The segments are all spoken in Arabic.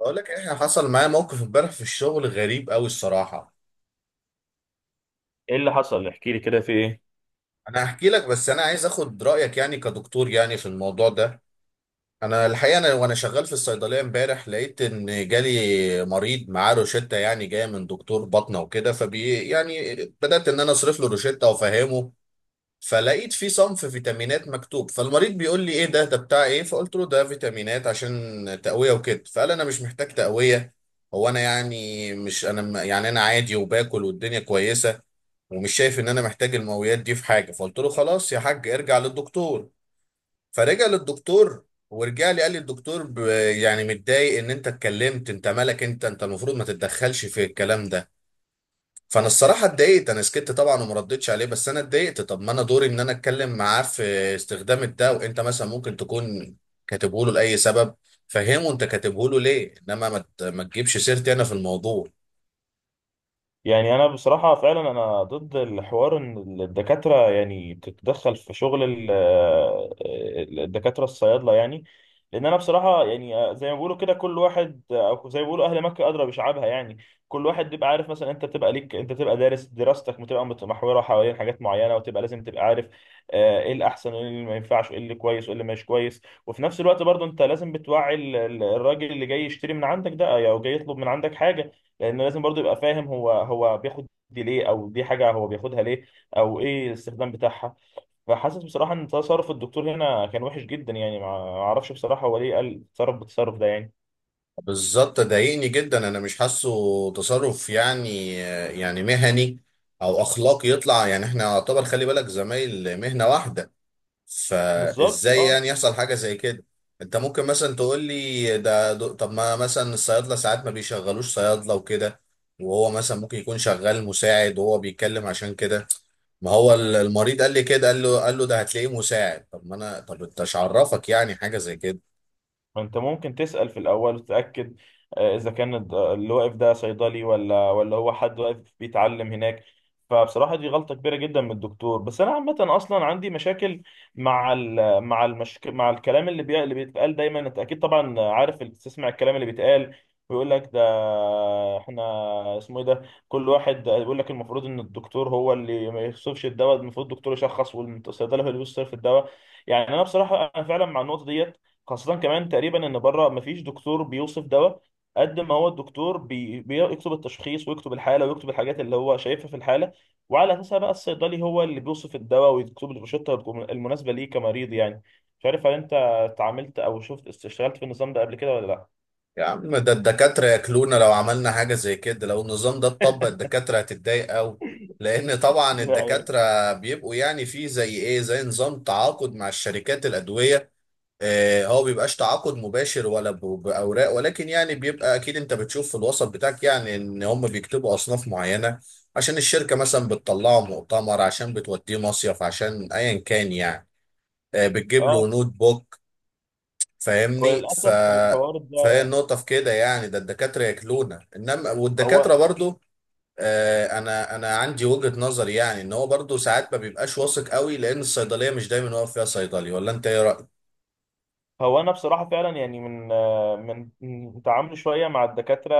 بقول لك احنا حصل معايا موقف امبارح في الشغل غريب قوي الصراحه. ايه اللي حصل؟ احكي لي، كده في ايه؟ انا هحكي لك، بس انا عايز اخد رايك يعني كدكتور يعني في الموضوع ده. انا الحقيقه وانا شغال في الصيدليه امبارح، لقيت ان جالي مريض معاه روشته يعني جايه من دكتور بطنه وكده، فبي يعني بدات ان انا اصرف له روشته وافهمه. فلقيت في صنف فيتامينات مكتوب، فالمريض بيقول لي: ايه ده بتاع ايه؟ فقلت له: ده فيتامينات عشان تقوية وكده. فقال: انا مش محتاج تقوية. هو انا يعني مش انا م- يعني انا عادي وباكل والدنيا كويسة، ومش شايف ان انا محتاج المقويات دي في حاجة. فقلت له: خلاص يا حاج، ارجع للدكتور. فرجع للدكتور، ورجع لي قال لي الدكتور يعني متضايق ان انت اتكلمت. انت مالك؟ انت المفروض ما تتدخلش في الكلام ده. فانا الصراحه اتضايقت، انا سكت طبعا وما ردتش عليه، بس انا اتضايقت. طب ما انا دوري ان انا اتكلم معاه في استخدام ده، وانت مثلا ممكن تكون كاتبه له لاي سبب، فهمه انت كاتبه له ليه، انما ما تجيبش سيرتي انا في الموضوع. يعني انا بصراحه فعلا انا ضد الحوار ان الدكاتره يعني تتدخل في شغل الدكاتره الصيادله، يعني لان انا بصراحه، يعني زي ما بيقولوا كده كل واحد، او زي ما بيقولوا اهل مكه ادرى بشعابها، يعني كل واحد بيبقى عارف. مثلا انت بتبقى دارس، دراستك بتبقى متمحوره حوالين حاجات معينه، وتبقى لازم تبقى عارف ايه الاحسن وايه اللي ما ينفعش وايه اللي كويس وايه اللي مش كويس. وفي نفس الوقت برضه انت لازم بتوعي الراجل اللي جاي يشتري من عندك ده او جاي يطلب من عندك حاجه، لان لازم برضو يبقى فاهم هو بياخد دي ليه، او دي حاجه هو بياخدها ليه، او ايه الاستخدام بتاعها. فحاسس بصراحه ان تصرف الدكتور هنا كان وحش جدا، يعني ما اعرفش بصراحه هو ليه قال تصرف بالتصرف ده، يعني. بالظبط، ضايقني جدا، انا مش حاسه تصرف يعني، يعني مهني او اخلاقي يطلع، يعني احنا يعتبر خلي بالك زمايل مهنه واحده. بالظبط، فازاي اه. يعني يحصل حاجه زي كده؟ انت ممكن مثلا تقول لي طب ما مثلا الصيادله ساعات ما بيشغلوش صيادله وكده، وهو مثلا ممكن يكون شغال مساعد وهو بيتكلم عشان كده. ما هو المريض قال لي كده، قال له ده هتلاقيه مساعد. طب ما انا، طب انت مش عرفك يعني حاجه زي كده؟ انت ممكن تسأل في الاول وتتأكد، اذا كان اللي واقف ده صيدلي ولا هو حد واقف بيتعلم هناك. فبصراحة دي غلطة كبيرة جدا من الدكتور. بس انا عامة اصلا عندي مشاكل مع ال مع المشك... مع الكلام اللي بيتقال دايما. انت اكيد طبعا عارف، تسمع الكلام اللي بيتقال ويقول لك ده، احنا اسمه ايه ده، كل واحد يقول لك المفروض ان الدكتور هو اللي ما يخصفش الدواء، المفروض الدكتور يشخص والصيدلي هو اللي بيوصف الدواء. يعني انا بصراحة انا فعلا مع النقطة ديت، خاصة كمان تقريبا ان بره مفيش دكتور بيوصف دواء، قد ما هو الدكتور بيكتب التشخيص ويكتب الحالة ويكتب الحاجات اللي هو شايفها في الحالة، وعلى اساسها بقى الصيدلي هو اللي بيوصف الدواء ويكتب لي الروشتة المناسبة ليه كمريض، يعني. مش عارف، هل انت اتعاملت او شفت اشتغلت في النظام ده قبل كده ولا لا؟ يا عم، ده الدكاتره ياكلونا لو عملنا حاجه زي كده. لو النظام ده اتطبق، الدكاتره هتتضايق قوي، لان طبعا يعني الدكاتره بيبقوا يعني في زي ايه، زي نظام تعاقد مع الشركات الادويه. هو بيبقاش تعاقد مباشر ولا بأوراق، ولكن يعني بيبقى أكيد أنت بتشوف في الوسط بتاعك يعني إن هم بيكتبوا أصناف معينة عشان الشركة مثلا بتطلعه مؤتمر، عشان بتوديه مصيف، عشان أيا كان يعني. بتجيب اه. له نوت بوك، فاهمني؟ وللاسف الحوار فهي ده، النقطة في كده يعني، ده الدكاترة ياكلونا. إنما والدكاترة هو برضو، أنا عندي وجهة نظر يعني إن هو برضو ساعات ما بيبقاش واثق قوي، لأن الصيدلية مش دايما واقف فيها صيدلي. ولا أنت إيه رأيك؟ هو انا بصراحه فعلا يعني من آه، من من تعاملي شويه مع الدكاتره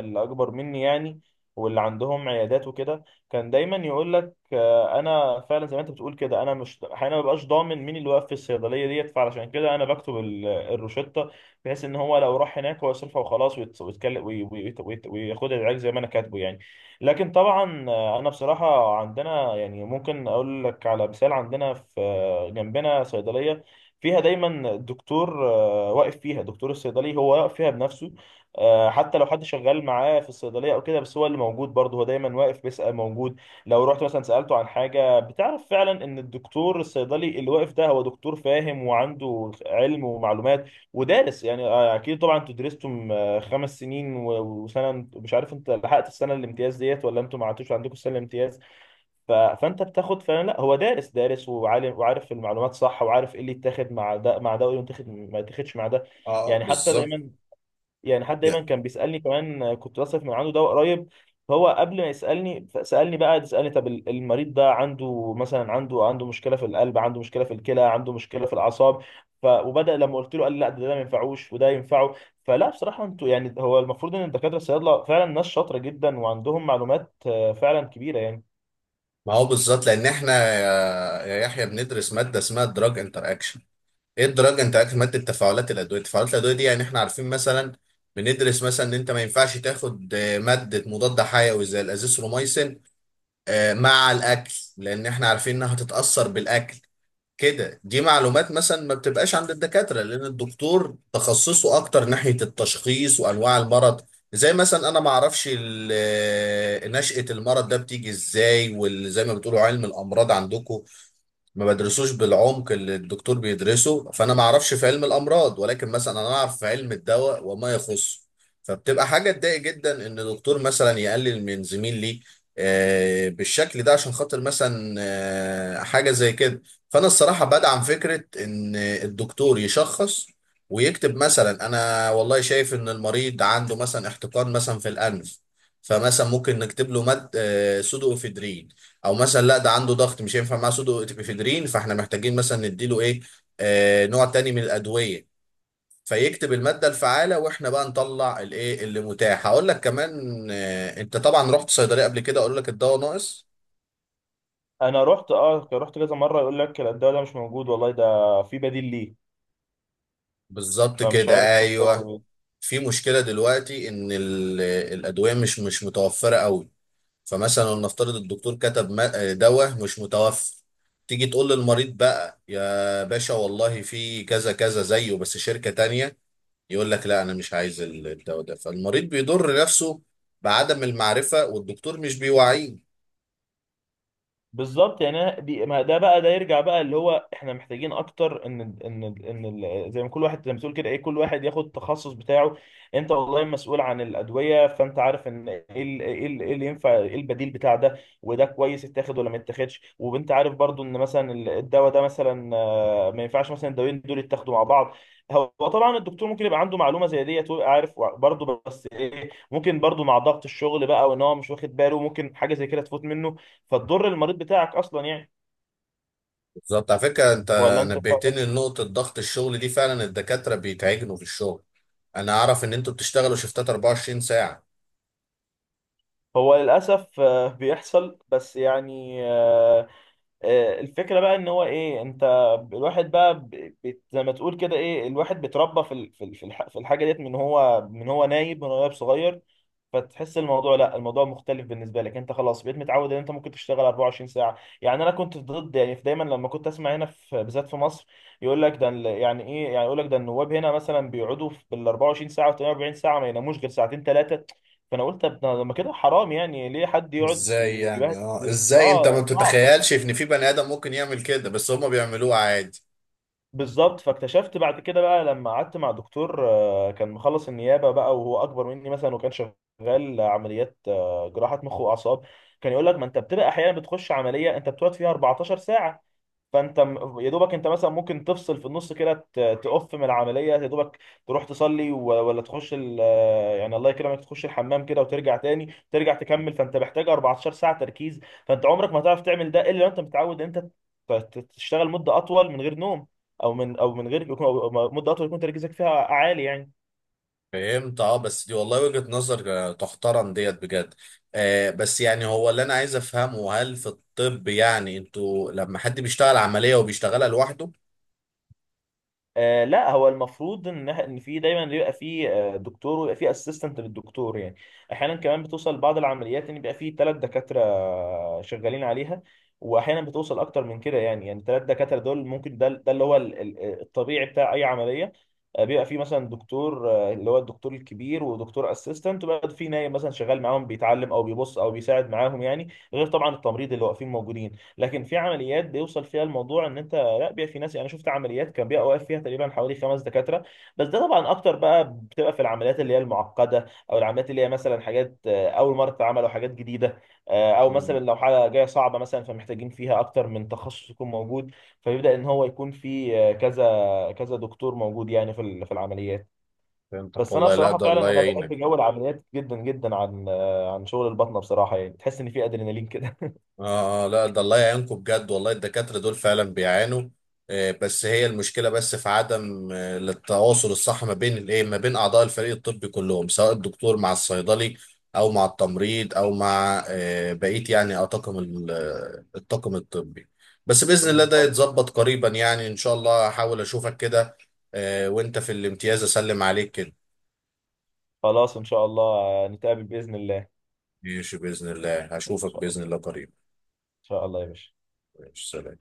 اللي اكبر مني، يعني، واللي عندهم عيادات وكده. كان دايما يقول لك انا فعلا زي ما انت بتقول كده، انا مش احيانا ما ببقاش ضامن مين اللي واقف في الصيدليه ديت، فعلشان كده انا بكتب الروشته بحيث ان هو لو راح هناك هو يصرفها وخلاص، ويتكلم وياخد العلاج زي ما انا كاتبه، يعني. لكن طبعا انا بصراحه عندنا، يعني ممكن اقول لك على مثال، عندنا في جنبنا صيدليه فيها دايما دكتور، واقف فيها دكتور الصيدلي، هو واقف فيها بنفسه. حتى لو حد شغال معاه في الصيدلية أو كده، بس هو اللي موجود برضه، هو دايما واقف بيسأل موجود. لو رحت مثلا سألته عن حاجة، بتعرف فعلا إن الدكتور الصيدلي اللي واقف ده هو دكتور فاهم وعنده علم ومعلومات ودارس، يعني أكيد طبعا أنتوا درستم 5 سنين وسنة، مش عارف أنت لحقت السنة الامتياز ديت ولا أنتوا ما عدتوش عندكم السنة الامتياز. فانت بتاخد فعلا، لا هو دارس دارس وعالم وعارف المعلومات صح، وعارف ايه اللي يتاخد مع ده مع ده وايه اللي يتاخد ما يتاخدش مع ده. اه يعني حتى بالظبط. دايما، يعني حد دايما كان بيسالني كمان، كنت بصرف من عنده دواء قريب، فهو قبل ما يسالني سالني بقى، قعد يسالني طب المريض ده عنده مثلا، عنده مشكله في القلب، عنده مشكله في الكلى، عنده مشكله في الاعصاب. وبدا لما قلت له قال لي لا، ده ما ينفعوش وده ينفعه. فلا بصراحه انتوا، يعني هو المفروض ان الدكاتره الصيادله فعلا ناس شاطره جدا وعندهم معلومات فعلا كبيره، يعني. ما هو بالظبط، لان احنا يا يحيى بندرس ماده اسمها الدراج انتر اكشن. ايه الدراج انتر اكشن؟ ماده تفاعلات الادويه. تفاعلات الادويه دي يعني احنا عارفين مثلا، بندرس مثلا ان انت ما ينفعش تاخد ماده مضاد حيوي زي الازيثروميسين مع الاكل، لان احنا عارفين انها هتتاثر بالاكل. كده دي معلومات مثلا ما بتبقاش عند الدكاترة، لأن الدكتور تخصصه أكتر ناحية التشخيص وأنواع المرض. زي مثلا أنا ما أعرفش نشأة المرض ده بتيجي إزاي، وزي ما بتقولوا علم الأمراض عندكم ما بدرسوش بالعمق اللي الدكتور بيدرسه. فانا ما اعرفش في علم الامراض، ولكن مثلا انا اعرف في علم الدواء وما يخصه. فبتبقى حاجه تضايق جدا ان دكتور مثلا يقلل من زميل ليه بالشكل ده، عشان خاطر مثلا حاجه زي كده. فانا الصراحه بدعم فكره ان الدكتور يشخص ويكتب مثلا: انا والله شايف ان المريض عنده مثلا احتقان مثلا في الانف، فمثلا ممكن نكتب له مد سودو افيدرين. او مثلا لا، ده عنده ضغط مش هينفع معاه سودو افيدرين، فاحنا محتاجين مثلا نديله ايه، نوع تاني من الادويه. فيكتب الماده الفعاله، واحنا بقى نطلع الايه اللي متاح. هقول لك كمان، انت طبعا رحت صيدليه قبل كده، اقول لك الدواء ناقص. انا رحت كذا مره يقول لك لا، الدواء ده مش موجود والله، ده في بديل ليه. بالظبط فمش كده، عارف ده، ايوه. في مشكله دلوقتي ان الادويه مش متوفره قوي. فمثلا نفترض الدكتور كتب دواء مش متوفر، تيجي تقول للمريض بقى: يا باشا والله في كذا كذا زيه بس شركه تانيه. يقول لك: لا انا مش عايز الدواء ده. فالمريض بيضر نفسه بعدم المعرفه، والدكتور مش بيوعيه. بالظبط، يعني. دي، ما ده بقى، ده يرجع بقى اللي هو احنا محتاجين اكتر، ان زي ما كل واحد، زي ما بتقول كده ايه، كل واحد ياخد التخصص بتاعه. انت والله مسؤول عن الادويه، فانت عارف ان ايه إيه اللي ينفع، ايه البديل بتاع ده، وده كويس يتاخد ولا ما يتاخدش. وانت عارف برضو ان مثلا الدواء ده مثلا ما ينفعش مثلا الدوايين دول يتاخدوا مع بعض. هو طبعا الدكتور ممكن يبقى عنده معلومه زي ديت ويبقى عارف برضه، بس ايه، ممكن برضه مع ضغط الشغل بقى وان هو مش واخد باله ممكن حاجه زي كده تفوت منه، فتضر المريض بتاعك اصلا، يعني. بالظبط. على فكره انت ولا انت إيه رأيك؟ نبهتني لنقطه ضغط الشغل دي، فعلا الدكاتره بيتعجنوا في الشغل. انا اعرف ان انتوا بتشتغلوا شفتات 24 ساعه. هو للاسف بيحصل، بس يعني الفكره بقى ان هو ايه، انت الواحد بقى، زي ما تقول كده ايه، الواحد بيتربى في الحاجه ديت من هو نايب صغير. فتحس الموضوع، لا، الموضوع مختلف بالنسبه لك، انت خلاص بقيت متعود ان انت ممكن تشتغل 24 ساعه. يعني انا كنت ضد، يعني في دايما لما كنت اسمع هنا في بالذات في مصر يقول لك ده يعني ايه، يعني يقول لك ده النواب هنا مثلا بيقعدوا بال 24 ساعه و 48 ساعه، ما يناموش غير ساعتين ثلاثه. فانا قلت طب لما كده حرام، يعني ليه حد يقعد ازاي يعني؟ اه يبهدل، ازاي؟ انت ما اه صعبه. بتتخيلش ان في بني ادم ممكن يعمل كده، بس هما بيعملوه عادي. بالظبط. فاكتشفت بعد كده بقى، لما قعدت مع دكتور كان مخلص النيابه بقى، وهو اكبر مني مثلا، وكان شغال عمليات جراحه مخ واعصاب. كان يقول لك ما انت بتبقى احيانا بتخش عمليه انت بتقعد فيها 14 ساعه، فانت يا دوبك، انت مثلا ممكن تفصل في النص كده، تقف من العمليه يا دوبك، تروح تصلي، ولا تخش يعني الله يكرمك تخش الحمام كده وترجع تاني، ترجع تكمل. فانت محتاج 14 ساعه تركيز، فانت عمرك ما هتعرف تعمل ده الا لو انت متعود انت تشتغل مده اطول من غير نوم، او من او من غير يكون- أو مده اطول يكون تركيزك فيها عالي، يعني. فهمت. اه بس دي والله وجهة نظر تحترم ديت بجد. آه، بس يعني هو اللي انا عايز افهمه، هل في الطب يعني انتوا لما حد بيشتغل عملية وبيشتغلها لوحده؟ آه لا، هو المفروض ان في دايما بيبقى في دكتور ويبقى في اسيستنت للدكتور، يعني احيانا كمان بتوصل بعض العمليات ان بيبقى في ثلاث دكاتره شغالين عليها. واحيانا بتوصل اكتر من كده، يعني ثلاث دكاتره دول ممكن، ده اللي هو الطبيعي بتاع اي عمليه. بيبقى في مثلا دكتور اللي هو الدكتور الكبير، ودكتور اسيستنت، وبقى في نايم مثلا شغال معاهم بيتعلم او بيبص او بيساعد معاهم، يعني، غير طبعا التمريض اللي واقفين موجودين. لكن في عمليات بيوصل فيها الموضوع ان انت لا بيبقى في ناس، يعني شفت عمليات كان بيبقى واقف فيها تقريبا حوالي خمس دكاتره. بس ده طبعا اكتر بقى، بتبقى في العمليات اللي هي المعقده، او العمليات اللي هي مثلا حاجات اول مره تتعمل، او حاجات جديده، او مثلا مم. لو حاجه جايه صعبه مثلا فمحتاجين فيها اكتر من تخصص يكون موجود. فبيبدا ان هو يكون في كذا كذا دكتور موجود، يعني في العمليات. فهمتك بس انا والله، لا بصراحه ده الله فعلا انا يعينك. بحب جو العمليات جدا جدا عن عن شغل البطنه بصراحه، يعني تحس ان في ادرينالين كده. آه، آه، لا ده الله يعينكم بجد والله، الدكاترة دول فعلا بيعانوا. آه، بس هي المشكلة بس في عدم التواصل الصح ما بين الايه، ما بين أعضاء الفريق الطبي كلهم، سواء الدكتور مع الصيدلي أو مع التمريض أو مع بقية يعني الطاقم الطاقم الطبي. بس بإذن الله ده بالظبط. يتظبط قريبا يعني، إن شاء الله. هحاول أشوفك كده وأنت في الامتياز، أسلم عليك كده. خلاص ان شاء الله، نتقابل باذن الله، ان ماشي بإذن الله، هشوفك شاء بإذن الله الله قريبا. ان شاء الله يا باشا. ماشي، سلام.